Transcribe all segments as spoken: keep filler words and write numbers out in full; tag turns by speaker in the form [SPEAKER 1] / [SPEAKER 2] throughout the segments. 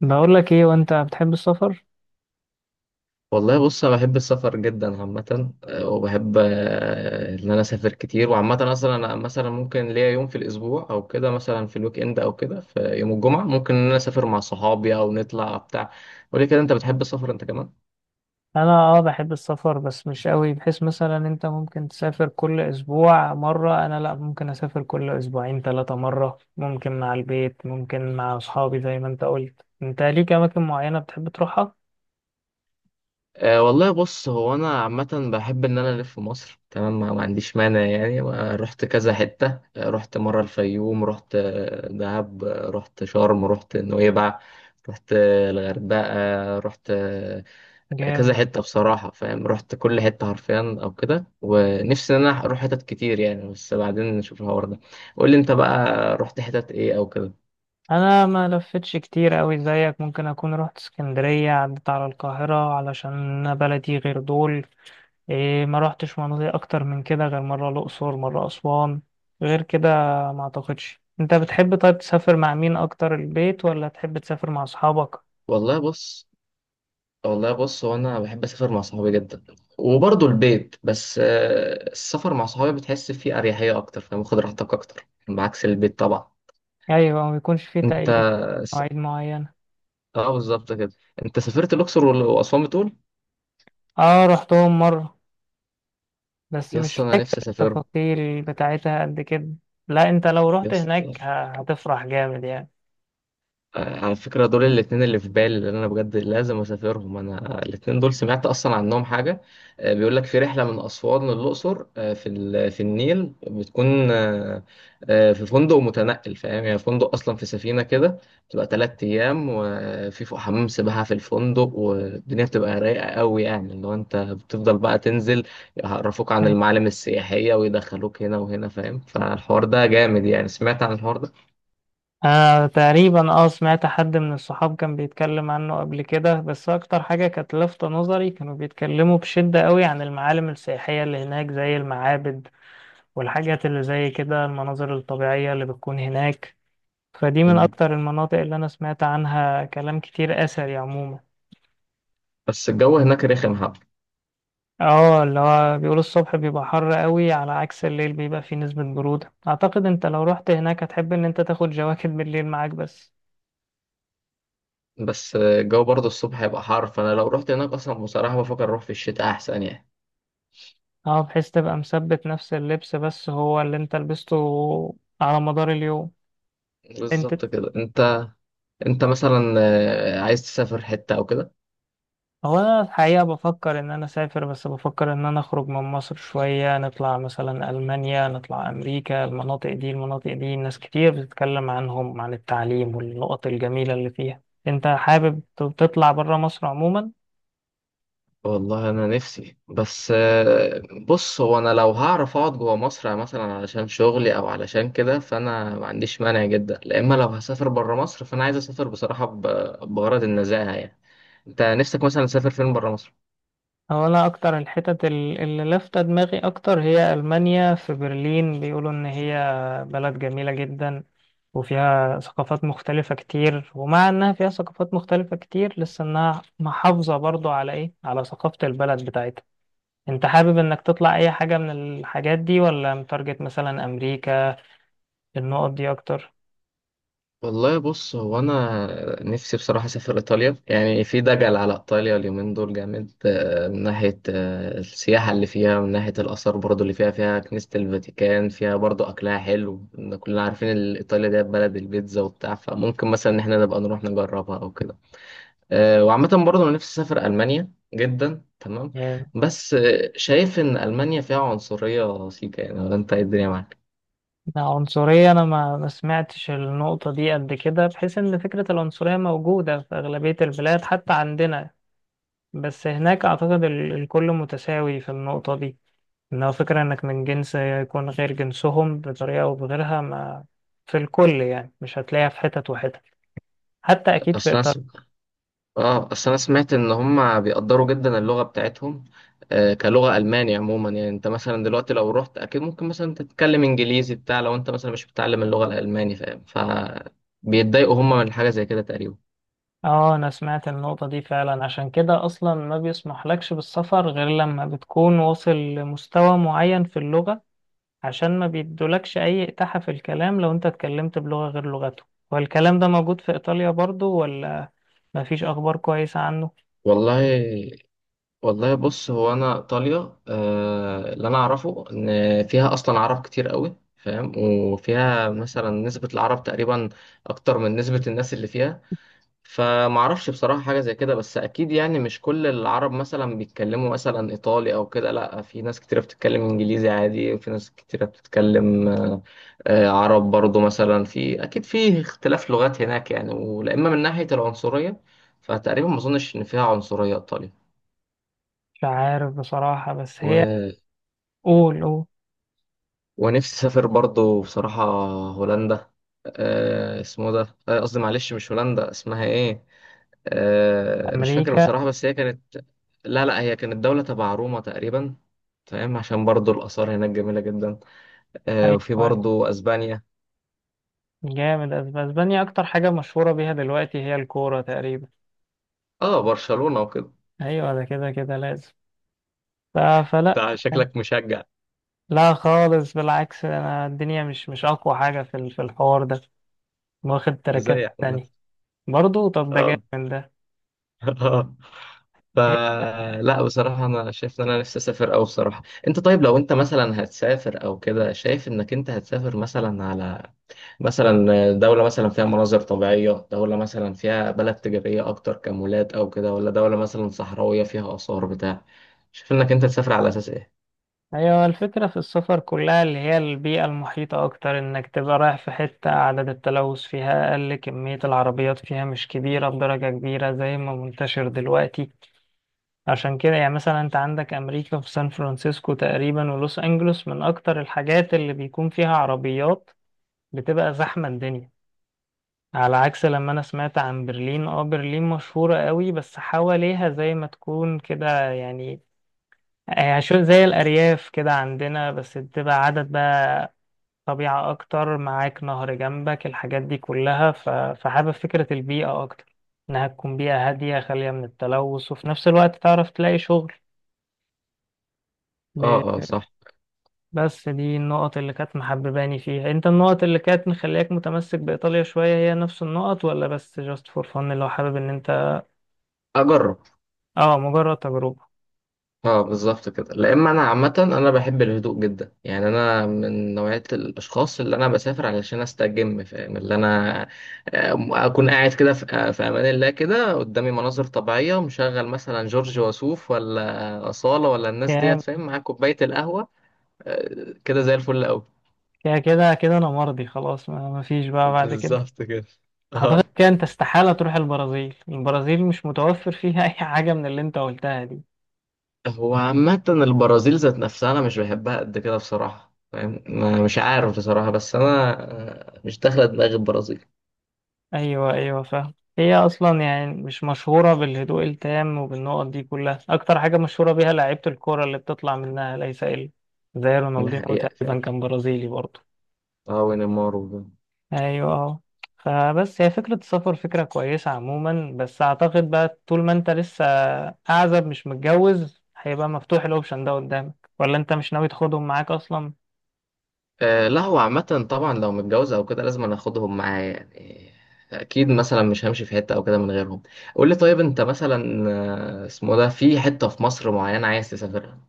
[SPEAKER 1] بقول لك ايه، وانت بتحب السفر؟
[SPEAKER 2] والله بص انا بحب السفر جدا عامه. آه، وبحب آه، ان انا اسافر كتير. وعامه اصلا انا مثلا ممكن ليا يوم في الاسبوع او كده، مثلا في الويك اند او كده، في يوم الجمعه ممكن ان انا اسافر مع صحابي او نطلع بتاع. وليه كده انت بتحب السفر انت كمان؟
[SPEAKER 1] انا اه بحب السفر بس مش قوي، بحيث مثلا انت ممكن تسافر كل اسبوع مرة، انا لا، ممكن اسافر كل اسبوعين ثلاثة مرة، ممكن مع البيت ممكن مع اصحابي زي ما انت قلت. انت ليك اماكن معينة بتحب تروحها؟
[SPEAKER 2] أه، والله بص، هو انا عامه بحب ان انا الف في مصر تمام. ما ما عنديش مانع يعني. آه، رحت كذا حته. آه، رحت مره الفيوم، رحت آه، دهب، آه، رحت شرم، رحت نويبع، رحت آه، الغردقه، رحت كذا
[SPEAKER 1] جامد.
[SPEAKER 2] حتة بصراحة. فاهم، رحت كل حتة حرفيا أو كده، ونفسي إن أنا أروح حتت كتير يعني. بس بعدين نشوف الحوار ده. قول لي أنت بقى، رحت حتت إيه أو كده؟
[SPEAKER 1] انا ما لفتش كتير قوي زيك، ممكن اكون رحت اسكندرية عدت على القاهرة علشان أنا بلدي غير دول. إيه، ما روحتش مناطق اكتر من كده غير مرة الاقصر مرة اسوان غير كده، ما اعتقدش. انت بتحب طيب تسافر مع مين اكتر، البيت ولا تحب تسافر مع اصحابك؟
[SPEAKER 2] والله بص والله بص هو أنا بحب أسافر مع صحابي جدا وبرضه البيت. بس آه، السفر مع صحابي بتحس فيه أريحية أكتر، فاهم، واخد راحتك أكتر بعكس البيت طبعا.
[SPEAKER 1] ايوه، ما يكونش فيه
[SPEAKER 2] أنت
[SPEAKER 1] تأييد
[SPEAKER 2] س...
[SPEAKER 1] مواعيد معينة.
[SPEAKER 2] أه، بالظبط كده. أنت سافرت الأقصر وال- وأسوان بتقول؟
[SPEAKER 1] اه، رحتهم مرة. بس
[SPEAKER 2] يا
[SPEAKER 1] مش
[SPEAKER 2] اسطى، أنا
[SPEAKER 1] فاكر
[SPEAKER 2] نفسي أسافر،
[SPEAKER 1] التفاصيل بتاعتها قد كده. لا، انت لو
[SPEAKER 2] يا
[SPEAKER 1] رحت
[SPEAKER 2] اسطى.
[SPEAKER 1] هناك ه- هتفرح جامد يعني.
[SPEAKER 2] آه، على فكرة دول الاتنين اللي في بالي، اللي أنا بجد لازم أسافرهم. أنا الاتنين دول سمعت أصلا عنهم حاجة. آه، بيقول لك في رحلة من أسوان للأقصر، آه، في ال- في النيل بتكون آه، آه، في فندق متنقل. فاهم، يعني فندق أصلا في سفينة كده. بتبقى تلات أيام، وفي فوق حمام سباحة في الفندق، والدنيا بتبقى رايقة قوي، يعني اللي هو أنت بتفضل بقى تنزل، يعرفوك عن المعالم السياحية ويدخلوك هنا وهنا. فاهم، فالحوار ده جامد يعني. سمعت عن الحوار ده.
[SPEAKER 1] أنا تقريبا اه سمعت حد من الصحاب كان بيتكلم عنه قبل كده، بس أكتر حاجة كانت لافتة نظري، كانوا بيتكلموا بشدة قوي عن المعالم السياحية اللي هناك زي المعابد والحاجات اللي زي كده، المناظر الطبيعية اللي بتكون هناك. فدي من
[SPEAKER 2] مم.
[SPEAKER 1] أكتر المناطق اللي أنا سمعت عنها كلام كتير أثري عموما.
[SPEAKER 2] بس الجو هناك رخم حبة.
[SPEAKER 1] اه، اللي هو بيقولوا الصبح بيبقى حر قوي على عكس الليل بيبقى فيه نسبة برودة. أعتقد أنت لو رحت هناك هتحب إن أنت تاخد جواكت بالليل معاك بس.
[SPEAKER 2] بس الجو برضه الصبح هيبقى حر. فانا لو رحت هناك اصلا بصراحه بفكر اروح في الشتاء احسن يعني.
[SPEAKER 1] اه، بحيث تبقى مثبت نفس اللبس بس هو اللي انت لبسته على مدار اليوم. انت
[SPEAKER 2] بالظبط كده. انت انت مثلا آه، عايز تسافر حته او كده؟
[SPEAKER 1] هو انا الحقيقة بفكر ان انا اسافر، بس بفكر ان انا اخرج من مصر شوية، نطلع مثلا المانيا نطلع امريكا. المناطق دي المناطق دي ناس كتير بتتكلم عنهم عن التعليم والنقط الجميلة اللي فيها. انت حابب ت- تطلع برا مصر عموما؟
[SPEAKER 2] والله انا نفسي. بس آه، بص هو انا لو هعرف اقعد جوه مصر مثلا علشان شغلي او علشان كده، فانا ما عنديش مانع جدا. لا اما لو هسافر بره مصر فانا عايز اسافر بصراحه ب- بغرض النزاهه يعني. انت نفسك مثلا تسافر فين بره مصر؟
[SPEAKER 1] هو انا اكتر الحتت ال- اللي لافتة دماغي اكتر هي المانيا. في برلين بيقولوا ان هي بلد جميلة جدا، وفيها ثقافات مختلفة كتير، ومع إنها فيها ثقافات مختلفة كتير لسه إنها محافظة برضو على إيه؟ على ثقافة البلد بتاعتها. أنت حابب إنك تطلع أي حاجة من الحاجات دي، ولا متارجت مثلا أمريكا النقط دي أكتر؟
[SPEAKER 2] والله بص، هو انا نفسي بصراحه اسافر ايطاليا، يعني في دجل على ايطاليا اليومين دول جامد. آه، من ناحيه آه، السياحه اللي فيها، من ناحيه الاثار برضو اللي فيها فيها كنيسه الفاتيكان، فيها برضو اكلها حلو، إن كلنا عارفين ال- ايطاليا دي بلد البيتزا وبتاع. فممكن مثلا ان احنا نبقى نروح نجربها او كده. آه، وعامه برضو انا نفسي اسافر المانيا جدا تمام.
[SPEAKER 1] يعني.
[SPEAKER 2] بس آه، شايف ان المانيا فيها عنصريه سيكا يعني، ولا انت إيه الدنيا معاك؟
[SPEAKER 1] عنصرية، أنا ما ما سمعتش النقطة دي قد كده، بحيث إن فكرة العنصرية موجودة في أغلبية البلاد حتى عندنا. بس هناك أعتقد ال- الكل متساوي في النقطة دي، لو فكرة إنك من جنس يكون غير جنسهم بطريقة أو بغيرها ما، في الكل يعني مش هتلاقيها في حتت وحتت، حتى أكيد في
[SPEAKER 2] اصلا
[SPEAKER 1] إطار.
[SPEAKER 2] اه، اصل انا سمعت ان هم بيقدروا جدا اللغه بتاعتهم. آه، كلغه الماني عموما. يعني انت مثلا دلوقتي لو رحت اكيد ممكن مثلا تتكلم انجليزي بتاع، لو انت مثلا مش بتتعلم اللغه الالماني، فاهم، فبيتضايقوا هم من حاجه زي كده تقريبا.
[SPEAKER 1] آه، أنا سمعت النقطة دي فعلا، عشان كده أصلا ما بيسمح لكش بالسفر غير لما بتكون واصل لمستوى معين في اللغة. عشان ما بيدولكش أي إتاحة في الكلام لو أنت اتكلمت بلغة غير لغته. والكلام ده موجود في إيطاليا برضو، ولا مفيش أخبار كويسة عنه؟
[SPEAKER 2] والله والله بص، هو انا ايطاليا، آه، اللي انا اعرفه ان فيها اصلا عرب كتير قوي، فاهم، وفيها مثلا نسبه العرب تقريبا اكتر من نسبه الناس اللي فيها. فمعرفش بصراحة حاجة زي كده، بس أكيد يعني مش كل العرب مثلا بيتكلموا مثلا إيطالي أو كده، لأ في ناس كتيرة بتتكلم إنجليزي عادي، وفي ناس كتيرة بتتكلم آه، آه، عرب برضو، مثلا في أكيد في اختلاف لغات هناك يعني. ولأما من ناحية العنصرية، فتقريبا ما أظنش إن فيها عنصرية إيطاليا.
[SPEAKER 1] مش عارف بصراحة، بس
[SPEAKER 2] و...
[SPEAKER 1] هي. قول قول.
[SPEAKER 2] ونفسي أسافر برضو بصراحة هولندا. آه، اسمه ده، آه، قصدي معلش مش هولندا، اسمها إيه؟ آه، مش فاكر
[SPEAKER 1] أمريكا.
[SPEAKER 2] بصراحة، بس هي كانت، لا، لا، هي كانت دولة تبع روما تقريبا. فاهم، عشان برضو الآثار هناك جميلة جدا. آه، وفي
[SPEAKER 1] أيوة.
[SPEAKER 2] برضو أسبانيا.
[SPEAKER 1] جامد. أسب- اسبانيا اكتر حاجة مشهورة بيها دلوقتي هي الكورة تقريبا.
[SPEAKER 2] اه، برشلونة وكده.
[SPEAKER 1] ايوه ده كده كده لازم. ف- فلا.
[SPEAKER 2] انت شكلك مشجع.
[SPEAKER 1] لا خالص، بالعكس، انا الدنيا مش مش اقوى حاجة في ال- في الحوار ده، واخد
[SPEAKER 2] ازاي
[SPEAKER 1] التراكات
[SPEAKER 2] يا احمد؟
[SPEAKER 1] التانية. برضو طب، ده
[SPEAKER 2] اه.
[SPEAKER 1] جامد ده.
[SPEAKER 2] اه.
[SPEAKER 1] هي-
[SPEAKER 2] فلا بصراحة أنا شايف إن أنا نفسي أسافر أوي بصراحة. أنت طيب، لو أنت مثلا هتسافر أو كده، شايف إنك أنت هتسافر مثلا على مثلا دولة مثلا فيها مناظر طبيعية، دولة مثلا فيها بلد تجارية أكتر كمولات أو كده، ولا دولة مثلا صحراوية فيها آثار بتاع؟ شايف إنك أنت تسافر على أساس إيه؟
[SPEAKER 1] ايوه، الفكرة في السفر كلها اللي هي البيئة المحيطة اكتر، انك تبقى رايح في حتة عدد التلوث فيها اقل، كمية العربيات فيها مش كبيرة بدرجة كبيرة زي ما منتشر دلوقتي. عشان كده يعني، مثلا انت عندك امريكا في سان فرانسيسكو تقريبا ولوس انجلوس من اكتر الحاجات اللي بيكون فيها عربيات، بتبقى زحمة الدنيا. على عكس لما انا سمعت عن برلين، اه برلين مشهورة قوي بس حواليها زي ما تكون كده يعني، يعني شو- زي الارياف كده عندنا، بس بتبقى عدد بقى طبيعة اكتر، معاك نهر جنبك الحاجات دي كلها. ف- فحابب فكرة البيئة اكتر، انها تكون بيئة هادية خالية من التلوث وفي نفس الوقت تعرف تلاقي شغل.
[SPEAKER 2] أه، أه، صح.
[SPEAKER 1] بس دي النقط اللي كانت محبباني فيها. انت، النقط اللي كانت مخلياك متمسك بإيطاليا شوية هي نفس النقط، ولا بس جاست فور فن اللي هو حابب ان انت؟
[SPEAKER 2] أجرب.
[SPEAKER 1] اه، مجرد تجربة.
[SPEAKER 2] اه، بالظبط كده. لا اما انا عامه انا بحب الهدوء جدا. يعني انا من نوعيه الاشخاص اللي انا بسافر علشان استجم، فاهم، اللي انا آه، اكون قاعد كده في آه، في امان الله كده، قدامي مناظر طبيعيه، ومشغل مثلا جورج وسوف، ولا اصاله، ولا الناس ديت،
[SPEAKER 1] يا-
[SPEAKER 2] فاهم، مع كوبايه القهوه. آه، كده زي الفل قوي.
[SPEAKER 1] يا كده كده انا مرضي خلاص، ما ما فيش بقى بعد كده.
[SPEAKER 2] بالظبط كده.
[SPEAKER 1] اعتقد
[SPEAKER 2] اه.
[SPEAKER 1] كده انت استحالة تروح البرازيل. البرازيل مش متوفر فيها اي حاجة من اللي انت قلتها دي.
[SPEAKER 2] هو عامة البرازيل ذات نفسها أنا مش بحبها قد كده بصراحة. فاهم، ما- مش عارف بصراحة، بس أنا آه، مش داخلة دماغي البرازيل.
[SPEAKER 1] ايوه ايوه فاهم. هي اصلا يعني مش مشهوره بالهدوء التام وبالنقط دي كلها، اكتر حاجه مشهوره بيها لعيبه الكوره اللي بتطلع منها ليس الا. زي
[SPEAKER 2] ده
[SPEAKER 1] رونالدينو
[SPEAKER 2] حقيقة فعلا.
[SPEAKER 1] تقريبا كان برازيلي برضه.
[SPEAKER 2] اه، ونيمار وجون.
[SPEAKER 1] ايوه اه. فبس هي فكره السفر فكره كويسه عموما، بس اعتقد بقى طول ما انت لسه اعزب مش متجوز هيبقى مفتوح الاوبشن ده قدامك، ولا انت مش ناوي تاخدهم معاك اصلا؟
[SPEAKER 2] آه، لا، هو عامة طبعا لو متجوز او كده لازم انا اخدهم معايا يعني. اكيد مثلا مش همشي في حتة او كده من غيرهم. قول لي طيب، انت مثلا آه، اسمه ده، في حتة في مصر معينة عايز تسافرها؟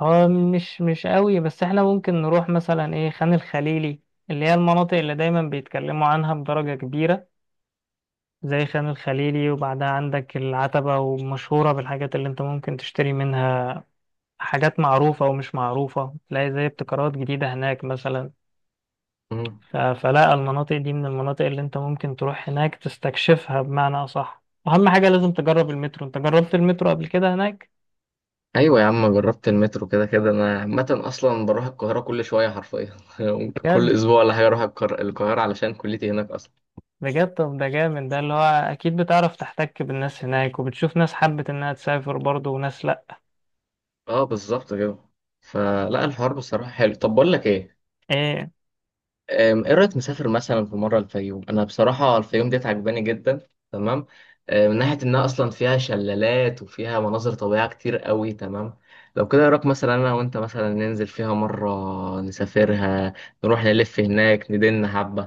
[SPEAKER 1] هو مش مش قوي، بس احنا ممكن نروح مثلا ايه خان الخليلي، اللي هي المناطق اللي دايما بيتكلموا عنها بدرجة كبيرة زي خان الخليلي. وبعدها عندك العتبة، ومشهورة بالحاجات اللي انت ممكن تشتري منها، حاجات معروفة ومش معروفة، تلاقي زي ابتكارات جديدة هناك مثلا.
[SPEAKER 2] مم.
[SPEAKER 1] ف- فلا المناطق دي من المناطق اللي انت ممكن تروح هناك تستكشفها بمعنى أصح. أهم حاجة لازم تجرب المترو. انت جربت المترو قبل كده هناك؟
[SPEAKER 2] ايوه يا عم، جربت المترو كده كده. انا عامة اصلا بروح القاهرة كل شوية حرفيا ممكن كل
[SPEAKER 1] بجد؟
[SPEAKER 2] اسبوع ولا حاجة اروح القر- القاهرة، علشان كليتي هناك اصلا.
[SPEAKER 1] بجد طب ده جامد ده، اللي هو اكيد بتعرف تحتك بالناس هناك، وبتشوف ناس حبت انها تسافر برضه وناس لا.
[SPEAKER 2] اه، بالظبط كده. فلا الحوار بصراحة حلو. طب بقول لك ايه،
[SPEAKER 1] ايه.
[SPEAKER 2] أم، ايه رأيك نسافر مثلا في مرة الفيوم؟ انا بصراحة الفيوم ديت عجباني جدا تمام. أم، من ناحية انها اصلا فيها شلالات، وفيها مناظر طبيعية كتير قوي تمام. لو كده إيه رأيك مثلا انا وانت مثلا ننزل فيها مرة؟ نسافرها، نروح نلف هناك ندن حبة.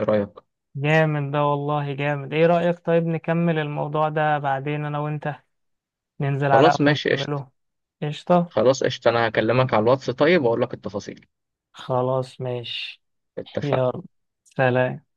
[SPEAKER 2] ايه رأيك؟
[SPEAKER 1] جامد ده، والله جامد. ايه رأيك طيب نكمل الموضوع ده بعدين، انا وانت ننزل على قهوة
[SPEAKER 2] خلاص، ماشي، قشطة.
[SPEAKER 1] نكمله؟ قشطة.
[SPEAKER 2] خلاص قشطة، انا هكلمك على الواتس طيب واقول لك التفاصيل.
[SPEAKER 1] خلاص ماشي.
[SPEAKER 2] اتفقنا.
[SPEAKER 1] يلا. سلام.